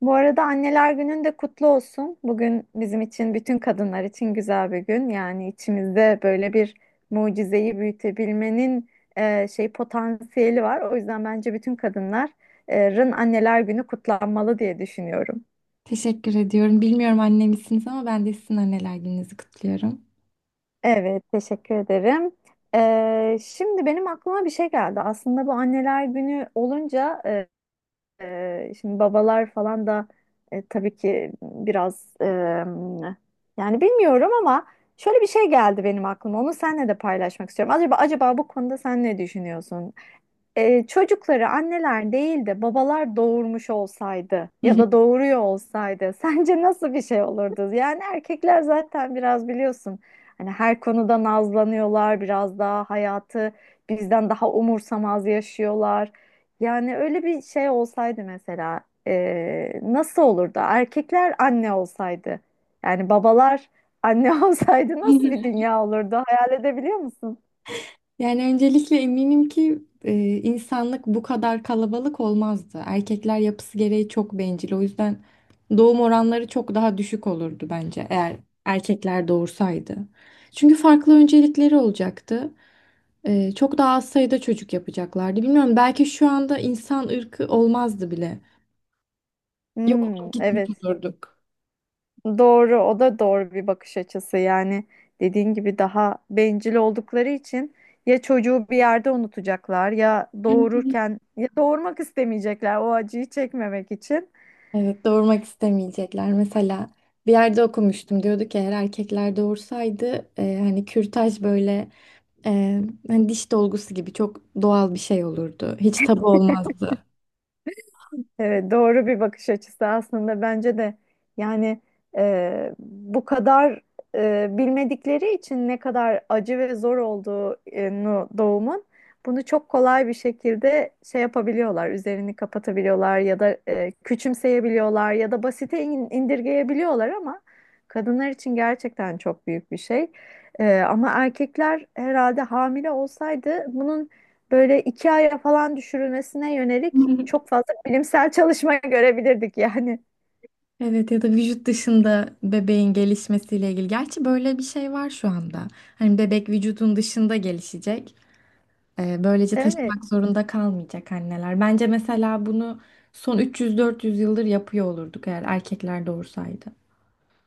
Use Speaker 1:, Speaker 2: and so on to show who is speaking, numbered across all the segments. Speaker 1: Bu arada Anneler Günün de kutlu olsun. Bugün bizim için, bütün kadınlar için güzel bir gün. Yani içimizde böyle bir mucizeyi büyütebilmenin potansiyeli var. O yüzden bence bütün kadınların Anneler Günü kutlanmalı diye düşünüyorum.
Speaker 2: Teşekkür ediyorum. Bilmiyorum anne misiniz ama ben de sizin anneler gününüzü kutluyorum.
Speaker 1: Evet, teşekkür ederim. Şimdi benim aklıma bir şey geldi. Aslında bu Anneler Günü olunca şimdi babalar falan da tabii ki biraz yani bilmiyorum ama şöyle bir şey geldi benim aklıma. Onu seninle de paylaşmak istiyorum. Acaba bu konuda sen ne düşünüyorsun? Çocukları anneler değil de babalar doğurmuş olsaydı ya da doğuruyor olsaydı sence nasıl bir şey olurdu? Yani erkekler zaten biraz biliyorsun, hani her konuda nazlanıyorlar, biraz daha hayatı bizden daha umursamaz yaşıyorlar. Yani öyle bir şey olsaydı mesela nasıl olurdu? Erkekler anne olsaydı, yani babalar anne olsaydı nasıl bir dünya olurdu? Hayal edebiliyor musun?
Speaker 2: Yani öncelikle eminim ki insanlık bu kadar kalabalık olmazdı. Erkekler yapısı gereği çok bencil. O yüzden doğum oranları çok daha düşük olurdu bence eğer erkekler doğursaydı. Çünkü farklı öncelikleri olacaktı. Çok daha az sayıda çocuk yapacaklardı. Bilmiyorum, belki şu anda insan ırkı olmazdı bile. Yok
Speaker 1: Hmm,
Speaker 2: olup gitmiş
Speaker 1: evet.
Speaker 2: olurduk.
Speaker 1: Doğru, o da doğru bir bakış açısı. Yani dediğin gibi daha bencil oldukları için ya çocuğu bir yerde unutacaklar ya doğururken ya doğurmak istemeyecekler o acıyı çekmemek için.
Speaker 2: Evet, doğurmak istemeyecekler. Mesela bir yerde okumuştum. Diyordu ki eğer erkekler doğursaydı, hani kürtaj böyle e, hani diş dolgusu gibi çok doğal bir şey olurdu. Hiç tabu olmazdı.
Speaker 1: Evet, doğru bir bakış açısı aslında bence de, yani bu kadar bilmedikleri için ne kadar acı ve zor olduğunu doğumun, bunu çok kolay bir şekilde şey yapabiliyorlar, üzerini kapatabiliyorlar ya da küçümseyebiliyorlar ya da basite indirgeyebiliyorlar ama kadınlar için gerçekten çok büyük bir şey. E, ama erkekler herhalde hamile olsaydı bunun böyle iki aya falan düşürülmesine yönelik çok fazla bilimsel çalışma görebilirdik yani.
Speaker 2: Evet, ya da vücut dışında bebeğin gelişmesiyle ilgili. Gerçi böyle bir şey var şu anda. Hani bebek vücudun dışında gelişecek. Böylece
Speaker 1: Evet.
Speaker 2: taşımak zorunda kalmayacak anneler. Bence mesela bunu son 300-400 yıldır yapıyor olurduk eğer erkekler doğursaydı.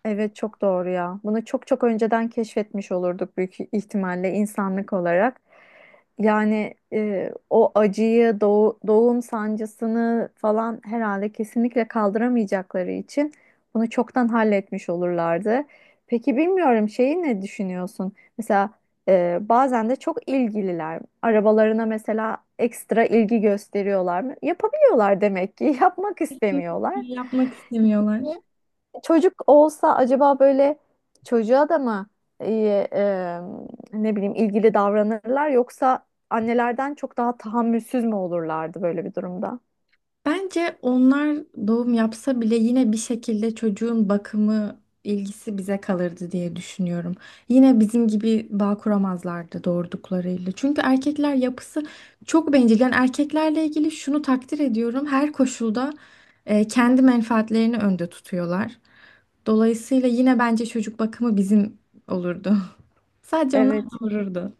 Speaker 1: Evet çok doğru ya. Bunu çok çok önceden keşfetmiş olurduk büyük ihtimalle insanlık olarak. Yani o acıyı, doğum sancısını falan herhalde kesinlikle kaldıramayacakları için bunu çoktan halletmiş olurlardı. Peki bilmiyorum şeyi ne düşünüyorsun? Mesela bazen de çok ilgililer. Arabalarına mesela ekstra ilgi gösteriyorlar mı? Yapabiliyorlar demek ki. Yapmak istemiyorlar.
Speaker 2: Yapmak istemiyorlar.
Speaker 1: Çocuk olsa acaba böyle çocuğa da mı iyi, e, ne bileyim, ilgili davranırlar yoksa annelerden çok daha tahammülsüz mü olurlardı böyle bir durumda?
Speaker 2: Bence onlar doğum yapsa bile yine bir şekilde çocuğun bakımı ilgisi bize kalırdı diye düşünüyorum. Yine bizim gibi bağ kuramazlardı doğurduklarıyla. Çünkü erkekler yapısı çok bencil. Yani erkeklerle ilgili şunu takdir ediyorum. Her koşulda kendi menfaatlerini önde tutuyorlar. Dolayısıyla yine bence çocuk bakımı bizim olurdu. Sadece onlar
Speaker 1: Evet.
Speaker 2: doğururdu.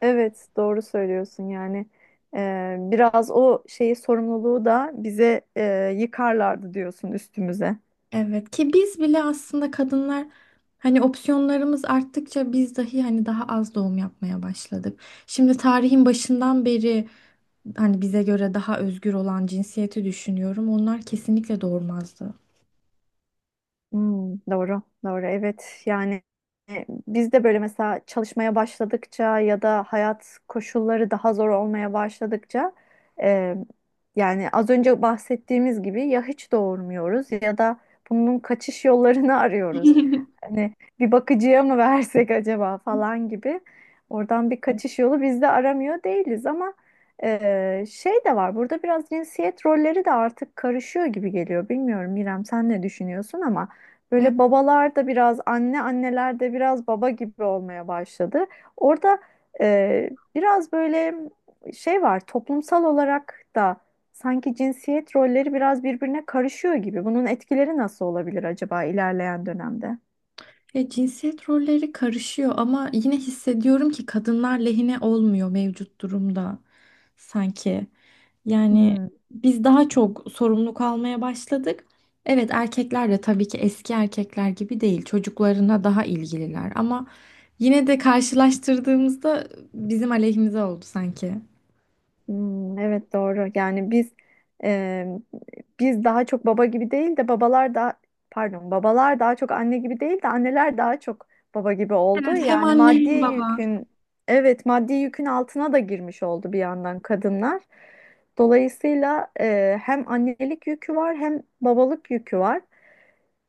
Speaker 1: Evet, doğru söylüyorsun. Yani biraz o şeyi, sorumluluğu da bize yıkarlardı diyorsun üstümüze.
Speaker 2: Evet, ki biz bile aslında kadınlar hani opsiyonlarımız arttıkça biz dahi hani daha az doğum yapmaya başladık. Şimdi tarihin başından beri hani bize göre daha özgür olan cinsiyeti düşünüyorum. Onlar kesinlikle doğurmazdı.
Speaker 1: Hmm, doğru, doğru. Evet, yani biz de böyle mesela çalışmaya başladıkça ya da hayat koşulları daha zor olmaya başladıkça, e, yani az önce bahsettiğimiz gibi ya hiç doğurmuyoruz ya da bunun kaçış yollarını arıyoruz. Hani bir bakıcıya mı versek acaba falan gibi. Oradan bir kaçış yolu biz de aramıyor değiliz ama şey de var. Burada biraz cinsiyet rolleri de artık karışıyor gibi geliyor. Bilmiyorum İrem sen ne düşünüyorsun ama. Böyle babalar da biraz anne, anneler de biraz baba gibi olmaya başladı. Orada e, biraz böyle şey var, toplumsal olarak da sanki cinsiyet rolleri biraz birbirine karışıyor gibi. Bunun etkileri nasıl olabilir acaba ilerleyen dönemde?
Speaker 2: Ya cinsiyet rolleri karışıyor ama yine hissediyorum ki kadınlar lehine olmuyor mevcut durumda sanki. Yani
Speaker 1: Hmm.
Speaker 2: biz daha çok sorumluluk almaya başladık. Evet, erkekler de tabii ki eski erkekler gibi değil. Çocuklarına daha ilgililer ama yine de karşılaştırdığımızda bizim aleyhimize oldu sanki.
Speaker 1: Hmm, evet doğru. Yani biz, e, biz daha çok baba gibi değil de babalar da pardon, babalar daha çok anne gibi değil de anneler daha çok baba gibi oldu.
Speaker 2: Evet, hem
Speaker 1: Yani
Speaker 2: anne
Speaker 1: maddi
Speaker 2: hem baba.
Speaker 1: yükün, evet maddi yükün altına da girmiş oldu bir yandan kadınlar. Dolayısıyla hem annelik yükü var hem babalık yükü var.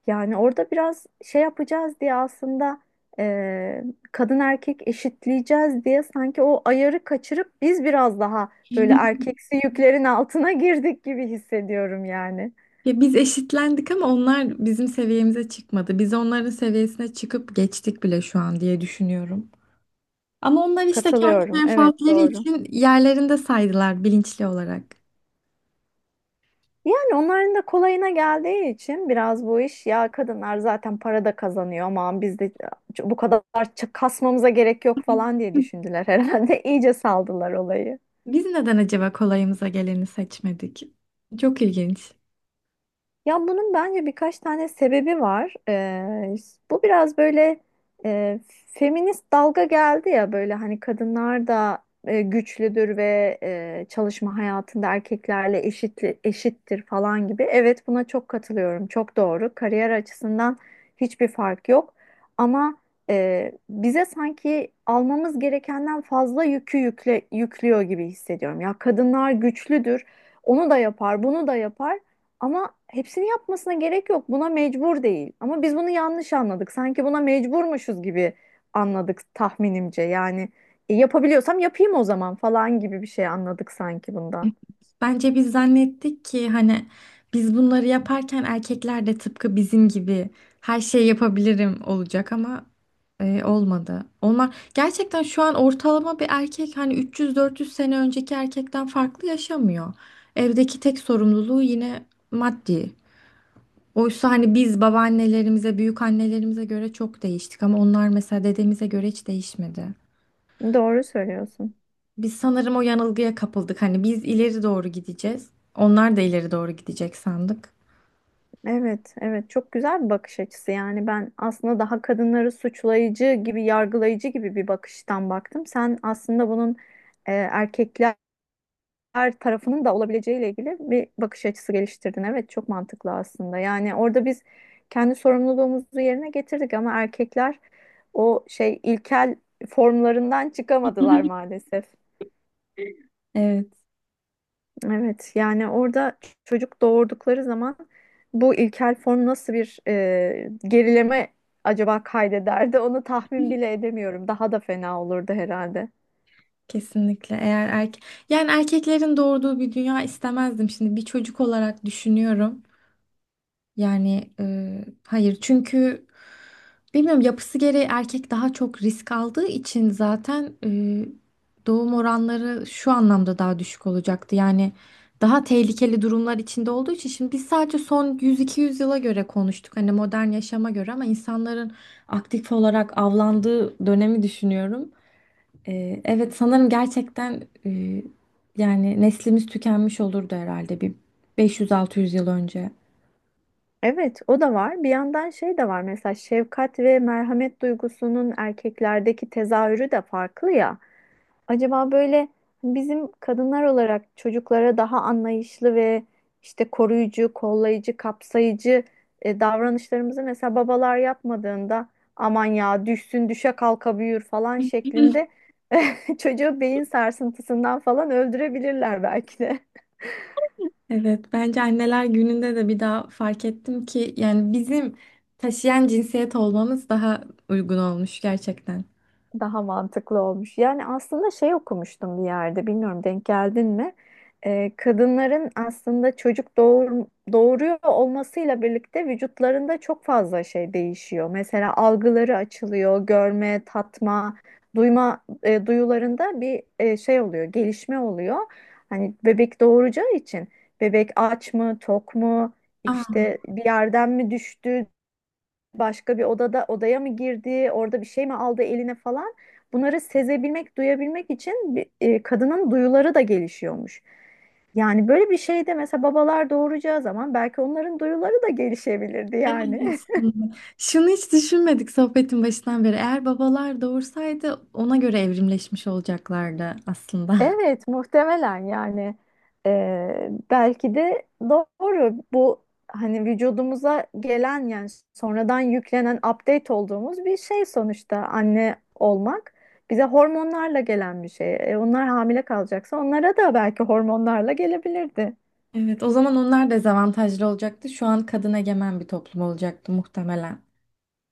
Speaker 1: Yani orada biraz şey yapacağız diye aslında, e, kadın erkek eşitleyeceğiz diye sanki o ayarı kaçırıp biz biraz daha böyle erkeksi yüklerin altına girdik gibi hissediyorum yani.
Speaker 2: Ya biz eşitlendik ama onlar bizim seviyemize çıkmadı. Biz onların seviyesine çıkıp geçtik bile şu an diye düşünüyorum. Ama onlar işte kendi
Speaker 1: Katılıyorum. Evet
Speaker 2: menfaatleri
Speaker 1: doğru.
Speaker 2: için yerlerinde saydılar bilinçli olarak.
Speaker 1: Yani onların da kolayına geldiği için biraz bu iş, ya kadınlar zaten para da kazanıyor, aman biz de bu kadar kasmamıza gerek yok falan diye düşündüler herhalde. İyice saldılar olayı.
Speaker 2: Biz neden acaba kolayımıza geleni seçmedik? Çok ilginç.
Speaker 1: Ya bunun bence birkaç tane sebebi var. Bu biraz böyle e, feminist dalga geldi ya, böyle hani kadınlar da güçlüdür ve çalışma hayatında erkeklerle eşit, eşittir falan gibi. Evet buna çok katılıyorum. Çok doğru. Kariyer açısından hiçbir fark yok. Ama bize sanki almamız gerekenden fazla yükü yüklüyor gibi hissediyorum. Ya kadınlar güçlüdür. Onu da yapar, bunu da yapar. Ama hepsini yapmasına gerek yok. Buna mecbur değil. Ama biz bunu yanlış anladık. Sanki buna mecburmuşuz gibi anladık tahminimce. Yani yapabiliyorsam yapayım o zaman falan gibi bir şey anladık sanki bundan.
Speaker 2: Bence biz zannettik ki hani biz bunları yaparken erkekler de tıpkı bizim gibi her şeyi yapabilirim olacak ama olmadı. Onlar gerçekten şu an ortalama bir erkek hani 300-400 sene önceki erkekten farklı yaşamıyor. Evdeki tek sorumluluğu yine maddi. Oysa hani biz babaannelerimize, büyük annelerimize göre çok değiştik ama onlar mesela dedemize göre hiç değişmedi.
Speaker 1: Doğru söylüyorsun.
Speaker 2: Biz sanırım o yanılgıya kapıldık. Hani biz ileri doğru gideceğiz. Onlar da ileri doğru gidecek sandık.
Speaker 1: Evet, evet çok güzel bir bakış açısı. Yani ben aslında daha kadınları suçlayıcı gibi, yargılayıcı gibi bir bakıştan baktım. Sen aslında bunun erkekler tarafının da olabileceğiyle ilgili bir bakış açısı geliştirdin. Evet, çok mantıklı aslında. Yani orada biz kendi sorumluluğumuzu yerine getirdik ama erkekler o şey, ilkel formlarından çıkamadılar maalesef.
Speaker 2: Evet.
Speaker 1: Evet yani orada çocuk doğurdukları zaman bu ilkel form nasıl bir gerileme acaba kaydederdi, onu tahmin bile edemiyorum. Daha da fena olurdu herhalde.
Speaker 2: Kesinlikle eğer erkeklerin doğurduğu bir dünya istemezdim şimdi bir çocuk olarak düşünüyorum. Yani hayır, çünkü bilmiyorum, yapısı gereği erkek daha çok risk aldığı için zaten doğum oranları şu anlamda daha düşük olacaktı. Yani daha tehlikeli durumlar içinde olduğu için şimdi biz sadece son 100-200 yıla göre konuştuk. Hani modern yaşama göre ama insanların aktif olarak avlandığı dönemi düşünüyorum. Evet, sanırım gerçekten yani neslimiz tükenmiş olurdu herhalde bir 500-600 yıl önce.
Speaker 1: Evet o da var. Bir yandan şey de var, mesela şefkat ve merhamet duygusunun erkeklerdeki tezahürü de farklı ya. Acaba böyle bizim kadınlar olarak çocuklara daha anlayışlı ve işte koruyucu, kollayıcı, kapsayıcı davranışlarımızı mesela babalar yapmadığında, aman ya düşsün düşe kalka büyür falan şeklinde çocuğu beyin sarsıntısından falan öldürebilirler belki de.
Speaker 2: Evet, bence anneler gününde de bir daha fark ettim ki yani bizim taşıyan cinsiyet olmamız daha uygun olmuş gerçekten.
Speaker 1: Daha mantıklı olmuş. Yani aslında şey okumuştum bir yerde, bilmiyorum denk geldin mi? Kadınların aslında doğuruyor olmasıyla birlikte vücutlarında çok fazla şey değişiyor. Mesela algıları açılıyor, görme, tatma, duyma, duyularında bir şey oluyor, gelişme oluyor. Hani bebek doğuracağı için bebek aç mı, tok mu,
Speaker 2: Aa,
Speaker 1: işte bir yerden mi düştü, başka bir odada odaya mı girdi, orada bir şey mi aldı eline falan. Bunları sezebilmek, duyabilmek için kadının duyuları da gelişiyormuş. Yani böyle bir şeyde mesela babalar doğuracağı zaman belki onların duyuları da gelişebilirdi
Speaker 2: evet,
Speaker 1: yani.
Speaker 2: aslında. Şunu hiç düşünmedik sohbetin başından beri. Eğer babalar doğursaydı ona göre evrimleşmiş olacaklardı aslında.
Speaker 1: Evet, muhtemelen yani belki de doğru bu, hani vücudumuza gelen, yani sonradan yüklenen update olduğumuz bir şey sonuçta anne olmak, bize hormonlarla gelen bir şey. E, onlar hamile kalacaksa onlara da belki hormonlarla gelebilirdi.
Speaker 2: Evet, o zaman onlar dezavantajlı olacaktı. Şu an kadın egemen bir toplum olacaktı muhtemelen.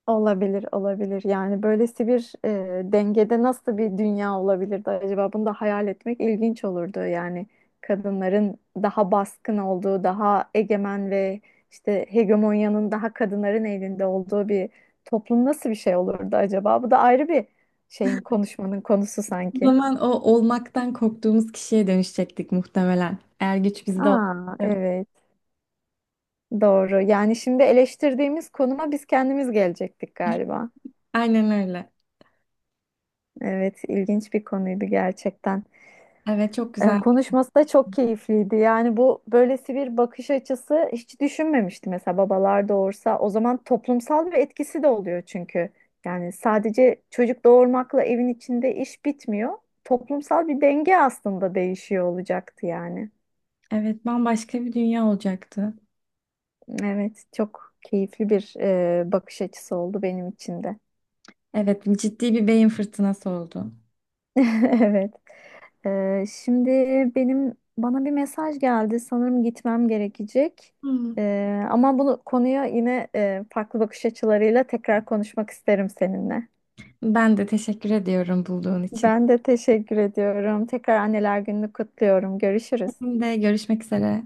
Speaker 1: Olabilir, olabilir. Yani böylesi bir dengede nasıl bir dünya olabilirdi acaba? Bunu da hayal etmek ilginç olurdu. Yani kadınların daha baskın olduğu, daha egemen ve işte hegemonyanın daha kadınların elinde olduğu bir toplum nasıl bir şey olurdu acaba? Bu da ayrı bir konuşmanın konusu
Speaker 2: O
Speaker 1: sanki.
Speaker 2: zaman o olmaktan korktuğumuz kişiye dönüşecektik muhtemelen. Eğer güç bizde
Speaker 1: Aa,
Speaker 2: olsaydı.
Speaker 1: evet, doğru. Yani şimdi eleştirdiğimiz konuma biz kendimiz gelecektik galiba.
Speaker 2: Aynen öyle.
Speaker 1: Evet, ilginç bir konuydu gerçekten.
Speaker 2: Evet, çok
Speaker 1: E,
Speaker 2: güzel.
Speaker 1: konuşması da çok keyifliydi. Yani bu, böylesi bir bakış açısı hiç düşünmemiştim, mesela babalar doğursa. O zaman toplumsal bir etkisi de oluyor çünkü. Yani sadece çocuk doğurmakla evin içinde iş bitmiyor. Toplumsal bir denge aslında değişiyor olacaktı yani.
Speaker 2: Evet, bambaşka bir dünya olacaktı.
Speaker 1: Evet, çok keyifli bir bakış açısı oldu benim için de.
Speaker 2: Evet, ciddi bir beyin fırtınası oldu.
Speaker 1: Evet. Şimdi bana bir mesaj geldi. Sanırım gitmem gerekecek.
Speaker 2: Hmm.
Speaker 1: Ama bunu konuya yine farklı bakış açılarıyla tekrar konuşmak isterim seninle.
Speaker 2: Ben de teşekkür ediyorum bulduğun için.
Speaker 1: Ben de teşekkür ediyorum. Tekrar Anneler Günü'nü kutluyorum. Görüşürüz.
Speaker 2: Benim de görüşmek üzere.